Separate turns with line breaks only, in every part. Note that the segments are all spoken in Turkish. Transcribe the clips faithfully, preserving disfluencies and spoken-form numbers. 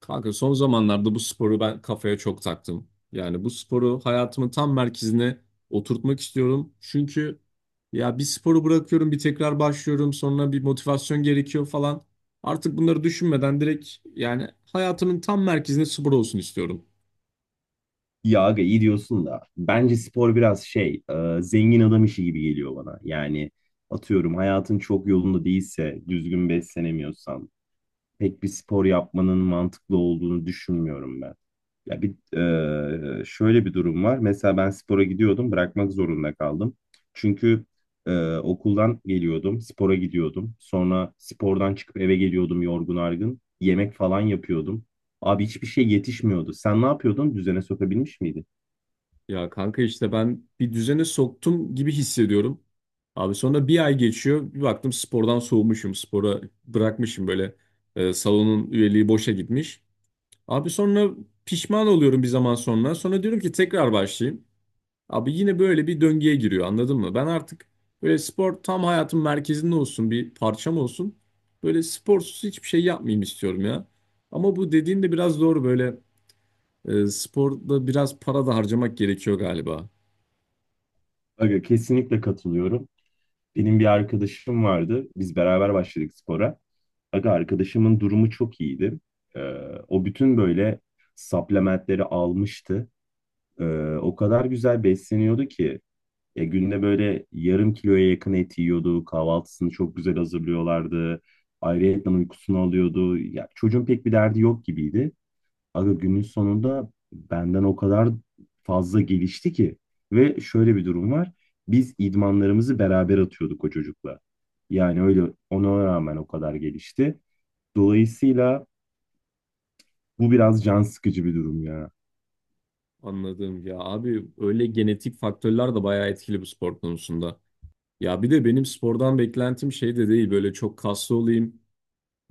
Kanka son zamanlarda bu sporu ben kafaya çok taktım. Yani bu sporu hayatımın tam merkezine oturtmak istiyorum. Çünkü ya bir sporu bırakıyorum, bir tekrar başlıyorum, sonra bir motivasyon gerekiyor falan. Artık bunları düşünmeden direkt yani hayatımın tam merkezine spor olsun istiyorum.
Ya aga iyi diyorsun da bence spor biraz şey e, zengin adam işi gibi geliyor bana. Yani atıyorum hayatın çok yolunda değilse düzgün beslenemiyorsan pek bir spor yapmanın mantıklı olduğunu düşünmüyorum ben. Ya bir e, Şöyle bir durum var. Mesela ben spora gidiyordum, bırakmak zorunda kaldım. Çünkü e, okuldan geliyordum, spora gidiyordum. Sonra spordan çıkıp eve geliyordum yorgun argın. Yemek falan yapıyordum. Abi hiçbir şey yetişmiyordu. Sen ne yapıyordun? Düzene sokabilmiş miydin?
Ya kanka işte ben bir düzene soktum gibi hissediyorum. Abi sonra bir ay geçiyor, bir baktım spordan soğumuşum, spora bırakmışım böyle e, salonun üyeliği boşa gitmiş. Abi sonra pişman oluyorum bir zaman sonra. Sonra diyorum ki tekrar başlayayım. Abi yine böyle bir döngüye giriyor, anladın mı? Ben artık böyle spor tam hayatın merkezinde olsun, bir parçam olsun. Böyle sporsuz hiçbir şey yapmayayım istiyorum ya. Ama bu dediğin de biraz doğru, böyle e, sporda biraz para da harcamak gerekiyor galiba.
Aga, kesinlikle katılıyorum. Benim bir arkadaşım vardı. Biz beraber başladık spora. Aga, arkadaşımın durumu çok iyiydi. Ee, O bütün böyle supplementleri almıştı. Ee, O kadar güzel besleniyordu ki ya, günde böyle yarım kiloya yakın et yiyordu. Kahvaltısını çok güzel hazırlıyorlardı. Ayrıyetten uykusunu alıyordu. Ya çocuğun pek bir derdi yok gibiydi. Aga günün sonunda benden o kadar fazla gelişti ki ve şöyle bir durum var. Biz idmanlarımızı beraber atıyorduk o çocukla. Yani öyle, ona rağmen o kadar gelişti. Dolayısıyla bu biraz can sıkıcı bir durum ya.
Anladım ya abi, öyle genetik faktörler de bayağı etkili bu spor konusunda. Ya bir de benim spordan beklentim şey de değil, böyle çok kaslı olayım.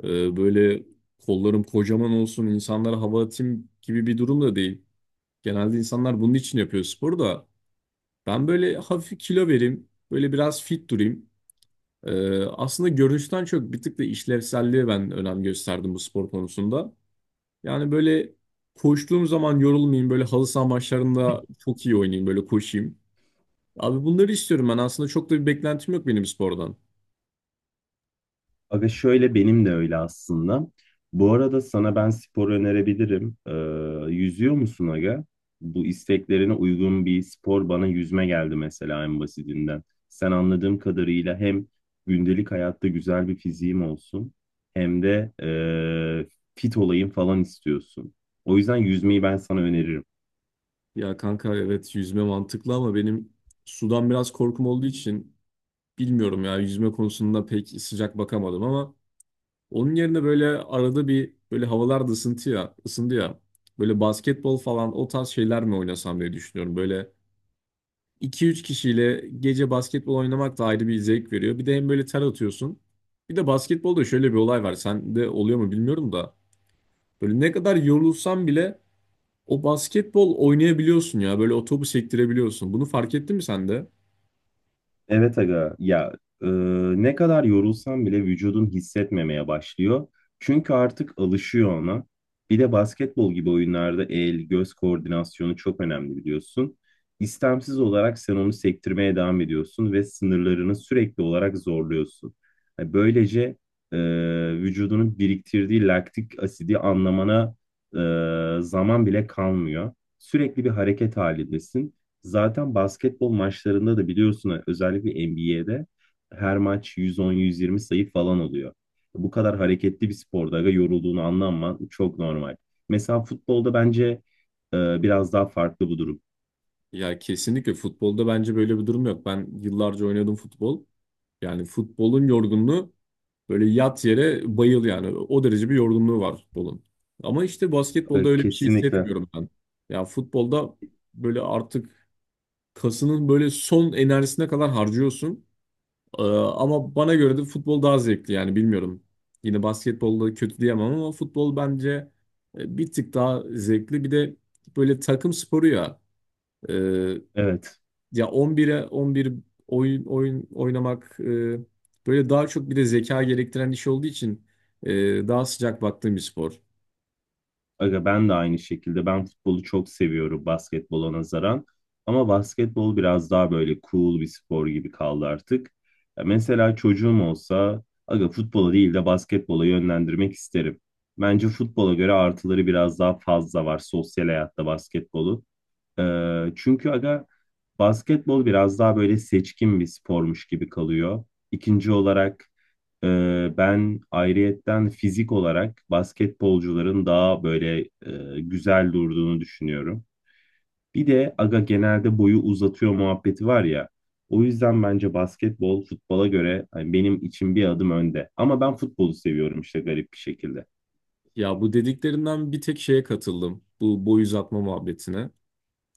Ee, böyle kollarım kocaman olsun, insanlara hava atayım gibi bir durum da değil. Genelde insanlar bunun için yapıyor sporu da. Ben böyle hafif kilo vereyim, böyle biraz fit durayım. Ee, aslında görünüşten çok bir tık da işlevselliğe ben önem gösterdim bu spor konusunda. Yani böyle koştuğum zaman yorulmayayım, böyle halı saha maçlarında çok iyi oynayayım, böyle koşayım. Abi bunları istiyorum ben, aslında çok da bir beklentim yok benim spordan.
Aga şöyle, benim de öyle aslında. Bu arada sana ben spor önerebilirim. Ee, yüzüyor musun aga? Bu isteklerine uygun bir spor bana yüzme geldi mesela, en basitinden. Sen anladığım kadarıyla hem gündelik hayatta güzel bir fiziğim olsun hem de ee, fit olayım falan istiyorsun. O yüzden yüzmeyi ben sana öneririm.
Ya kanka evet, yüzme mantıklı ama benim sudan biraz korkum olduğu için bilmiyorum ya, yüzme konusunda pek sıcak bakamadım ama onun yerine böyle arada bir, böyle havalar da ısıntı ya, ısındı ya. Böyle basketbol falan o tarz şeyler mi oynasam diye düşünüyorum. Böyle iki üç kişiyle gece basketbol oynamak da ayrı bir zevk veriyor. Bir de hem böyle ter atıyorsun. Bir de basketbolda şöyle bir olay var. Sende oluyor mu bilmiyorum da. Böyle ne kadar yorulsan bile o basketbol oynayabiliyorsun ya. Böyle o topu sektirebiliyorsun. Bunu fark ettin mi sen de?
Evet aga, ya e, ne kadar yorulsam bile vücudun hissetmemeye başlıyor. Çünkü artık alışıyor ona. Bir de basketbol gibi oyunlarda el göz koordinasyonu çok önemli, biliyorsun. İstemsiz olarak sen onu sektirmeye devam ediyorsun ve sınırlarını sürekli olarak zorluyorsun. Yani böylece e, vücudunun biriktirdiği laktik asidi anlamana e, zaman bile kalmıyor. Sürekli bir hareket halindesin. Zaten basketbol maçlarında da biliyorsun, özellikle N B A'de her maç yüz on, yüz yirmi sayı falan oluyor. Bu kadar hareketli bir sporda aga, yorulduğunu anlaman çok normal. Mesela futbolda bence e, biraz daha farklı bu durum.
Ya kesinlikle, futbolda bence böyle bir durum yok. Ben yıllarca oynadım futbol. Yani futbolun yorgunluğu böyle yat yere bayıl, yani o derece bir yorgunluğu var futbolun. Ama işte basketbolda
E,
öyle bir şey
Kesinlikle.
hissetmiyorum ben. Ya futbolda böyle artık kasının böyle son enerjisine kadar harcıyorsun. Ee, ama bana göre de futbol daha zevkli, yani bilmiyorum. Yine basketbolda kötü diyemem ama futbol bence e, bir tık daha zevkli. Bir de böyle takım sporu ya. e,
Evet.
Ya on bire on bir oyun oyun oynamak, e, böyle daha çok bir de zeka gerektiren iş olduğu için e, daha sıcak baktığım bir spor.
Aga ben de aynı şekilde. Ben futbolu çok seviyorum basketbola nazaran. Ama basketbol biraz daha böyle cool bir spor gibi kaldı artık. Ya mesela çocuğum olsa aga, futbola değil de basketbola yönlendirmek isterim. Bence futbola göre artıları biraz daha fazla var sosyal hayatta basketbolu. Ee, çünkü aga, basketbol biraz daha böyle seçkin bir spormuş gibi kalıyor. İkinci olarak e, ben ayrıyetten fizik olarak basketbolcuların daha böyle e, güzel durduğunu düşünüyorum. Bir de aga, genelde boyu uzatıyor muhabbeti var ya. O yüzden bence basketbol futbola göre hani benim için bir adım önde. Ama ben futbolu seviyorum işte, garip bir şekilde.
Ya bu dediklerinden bir tek şeye katıldım. Bu boy uzatma muhabbetine.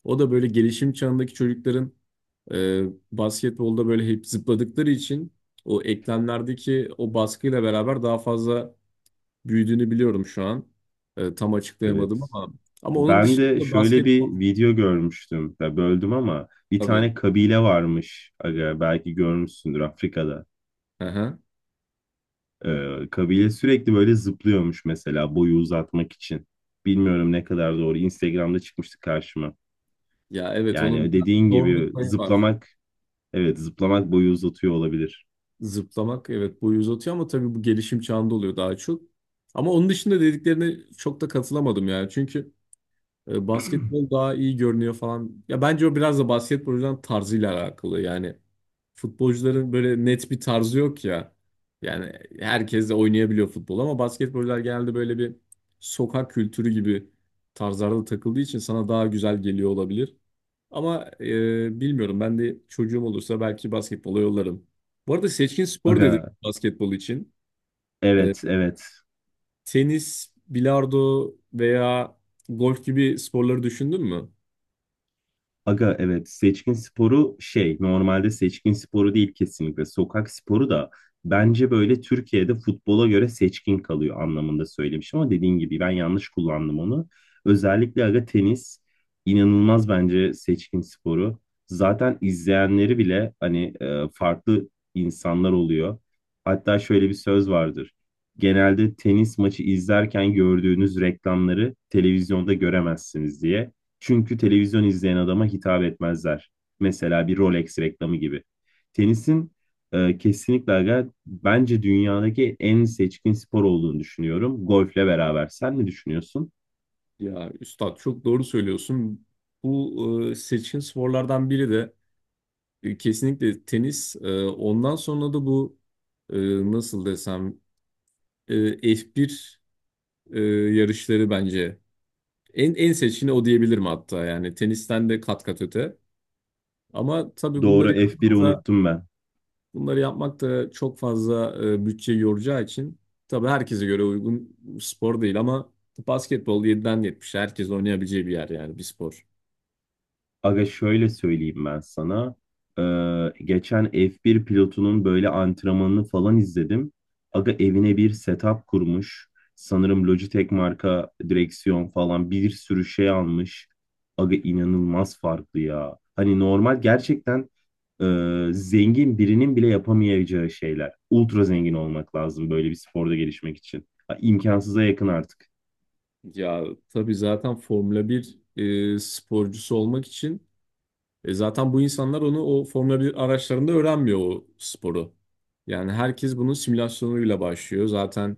O da böyle gelişim çağındaki çocukların e, basketbolda böyle hep zıpladıkları için o eklemlerdeki o baskıyla beraber daha fazla büyüdüğünü biliyorum şu an. E, tam
Evet.
açıklayamadım ama ama onun
Ben de
dışında
şöyle bir
basketbol
video görmüştüm. Ya böldüm ama, bir
tabii.
tane kabile varmış. Aga, belki görmüşsündür, Afrika'da.
Hı.
Ee, kabile sürekli böyle zıplıyormuş mesela, boyu uzatmak için. Bilmiyorum ne kadar doğru. Instagram'da çıkmıştı karşıma.
Ya evet, onun
Yani
bir
dediğin
doğruluk
gibi
payı var.
zıplamak, evet, zıplamak boyu uzatıyor olabilir.
Zıplamak evet boyu uzatıyor ama tabii bu gelişim çağında oluyor daha çok. Ama onun dışında dediklerine çok da katılamadım ya. Çünkü e, basketbol daha iyi görünüyor falan. Ya bence o biraz da basketbolcuların tarzıyla alakalı. Yani futbolcuların böyle net bir tarzı yok ya. Yani herkes de oynayabiliyor futbol ama basketbolcular genelde böyle bir sokak kültürü gibi tarzlarda takıldığı için sana daha güzel geliyor olabilir. Ama e, bilmiyorum, ben de çocuğum olursa belki basketbola yollarım. Bu arada seçkin spor dedim
Aga,
basketbol için. E,
evet, evet.
tenis, bilardo veya golf gibi sporları düşündün mü?
Aga evet, seçkin sporu şey, normalde seçkin sporu değil kesinlikle, sokak sporu da, bence böyle Türkiye'de futbola göre seçkin kalıyor anlamında söylemişim ama dediğin gibi ben yanlış kullandım onu. Özellikle aga, tenis inanılmaz bence seçkin sporu. Zaten izleyenleri bile hani e, farklı insanlar oluyor. Hatta şöyle bir söz vardır. Genelde tenis maçı izlerken gördüğünüz reklamları televizyonda göremezsiniz diye. Çünkü televizyon izleyen adama hitap etmezler. Mesela bir Rolex reklamı gibi. Tenisin e, kesinlikle aga, bence dünyadaki en seçkin spor olduğunu düşünüyorum. Golfle beraber. Sen ne düşünüyorsun?
Ya üstad çok doğru söylüyorsun. Bu e, seçkin sporlardan biri de e, kesinlikle tenis. E, ondan sonra da bu e, nasıl desem e, F bir e, yarışları bence en en seçkini o diyebilirim, hatta yani tenisten de kat kat öte. Ama tabii
Doğru,
bunları
F bir'i
yapmak da,
unuttum ben.
bunları yapmak da çok fazla e, bütçe yoracağı için tabii herkese göre uygun spor değil ama basketbol yediden yetmişe herkes oynayabileceği bir yer, yani bir spor.
Aga şöyle söyleyeyim ben sana. Ee, geçen F bir pilotunun böyle antrenmanını falan izledim. Aga, evine bir setup kurmuş. Sanırım Logitech marka direksiyon falan bir sürü şey almış. Aga inanılmaz farklı ya. Hani normal gerçekten e, zengin birinin bile yapamayacağı şeyler. Ultra zengin olmak lazım böyle bir sporda gelişmek için. Ha, İmkansıza yakın artık.
Ya tabii zaten Formula bir e, sporcusu olmak için e, zaten bu insanlar onu o Formula bir araçlarında öğrenmiyor o sporu. Yani herkes bunun simülasyonuyla başlıyor. Zaten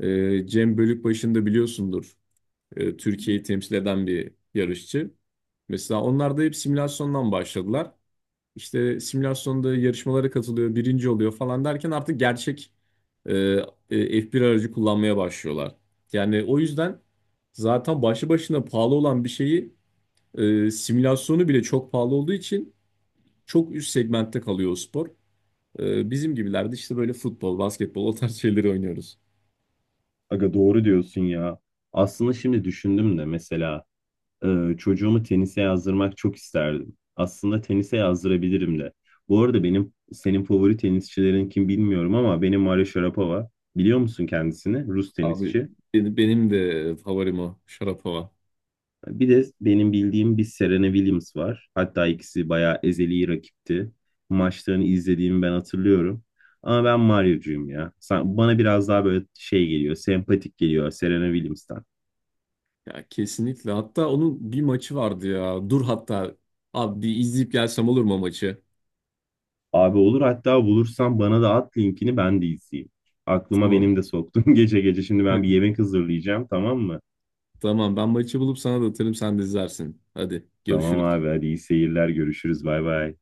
e, Cem Bölükbaşı'nı da biliyorsundur. e, Türkiye'yi temsil eden bir yarışçı. Mesela onlar da hep simülasyondan başladılar. İşte simülasyonda yarışmalara katılıyor, birinci oluyor falan derken artık gerçek e, e, F bir aracı kullanmaya başlıyorlar. Yani o yüzden zaten başlı başına pahalı olan bir şeyi e, simülasyonu bile çok pahalı olduğu için çok üst segmentte kalıyor o spor. E, bizim gibilerde işte böyle futbol, basketbol o tarz şeyleri oynuyoruz.
Aga doğru diyorsun ya. Aslında şimdi düşündüm de mesela, e, çocuğumu tenise yazdırmak çok isterdim. Aslında tenise yazdırabilirim de. Bu arada benim, senin favori tenisçilerin kim bilmiyorum ama benim Maria Sharapova. Biliyor musun kendisini? Rus
Abi
tenisçi.
benim, benim de favorim o. Şarapova.
Bir de benim bildiğim bir Serena Williams var. Hatta ikisi bayağı ezeli rakipti. Maçlarını izlediğimi ben hatırlıyorum. Ama ben Mario'cuyum ya. Sen- bana biraz daha böyle şey geliyor, sempatik geliyor Serena Williams'tan.
Ya kesinlikle. Hatta onun bir maçı vardı ya. Dur hatta abi bir izleyip gelsem olur mu o maçı?
Abi olur, hatta bulursan bana da at linkini, ben de izleyeyim. Aklıma
Tamam.
benim de soktun gece gece. Şimdi ben bir yemek hazırlayacağım, tamam mı?
Tamam, ben maçı bulup sana da atarım, sen de izlersin. Hadi
Tamam
görüşürüz.
abi, hadi iyi seyirler, görüşürüz, bay bay.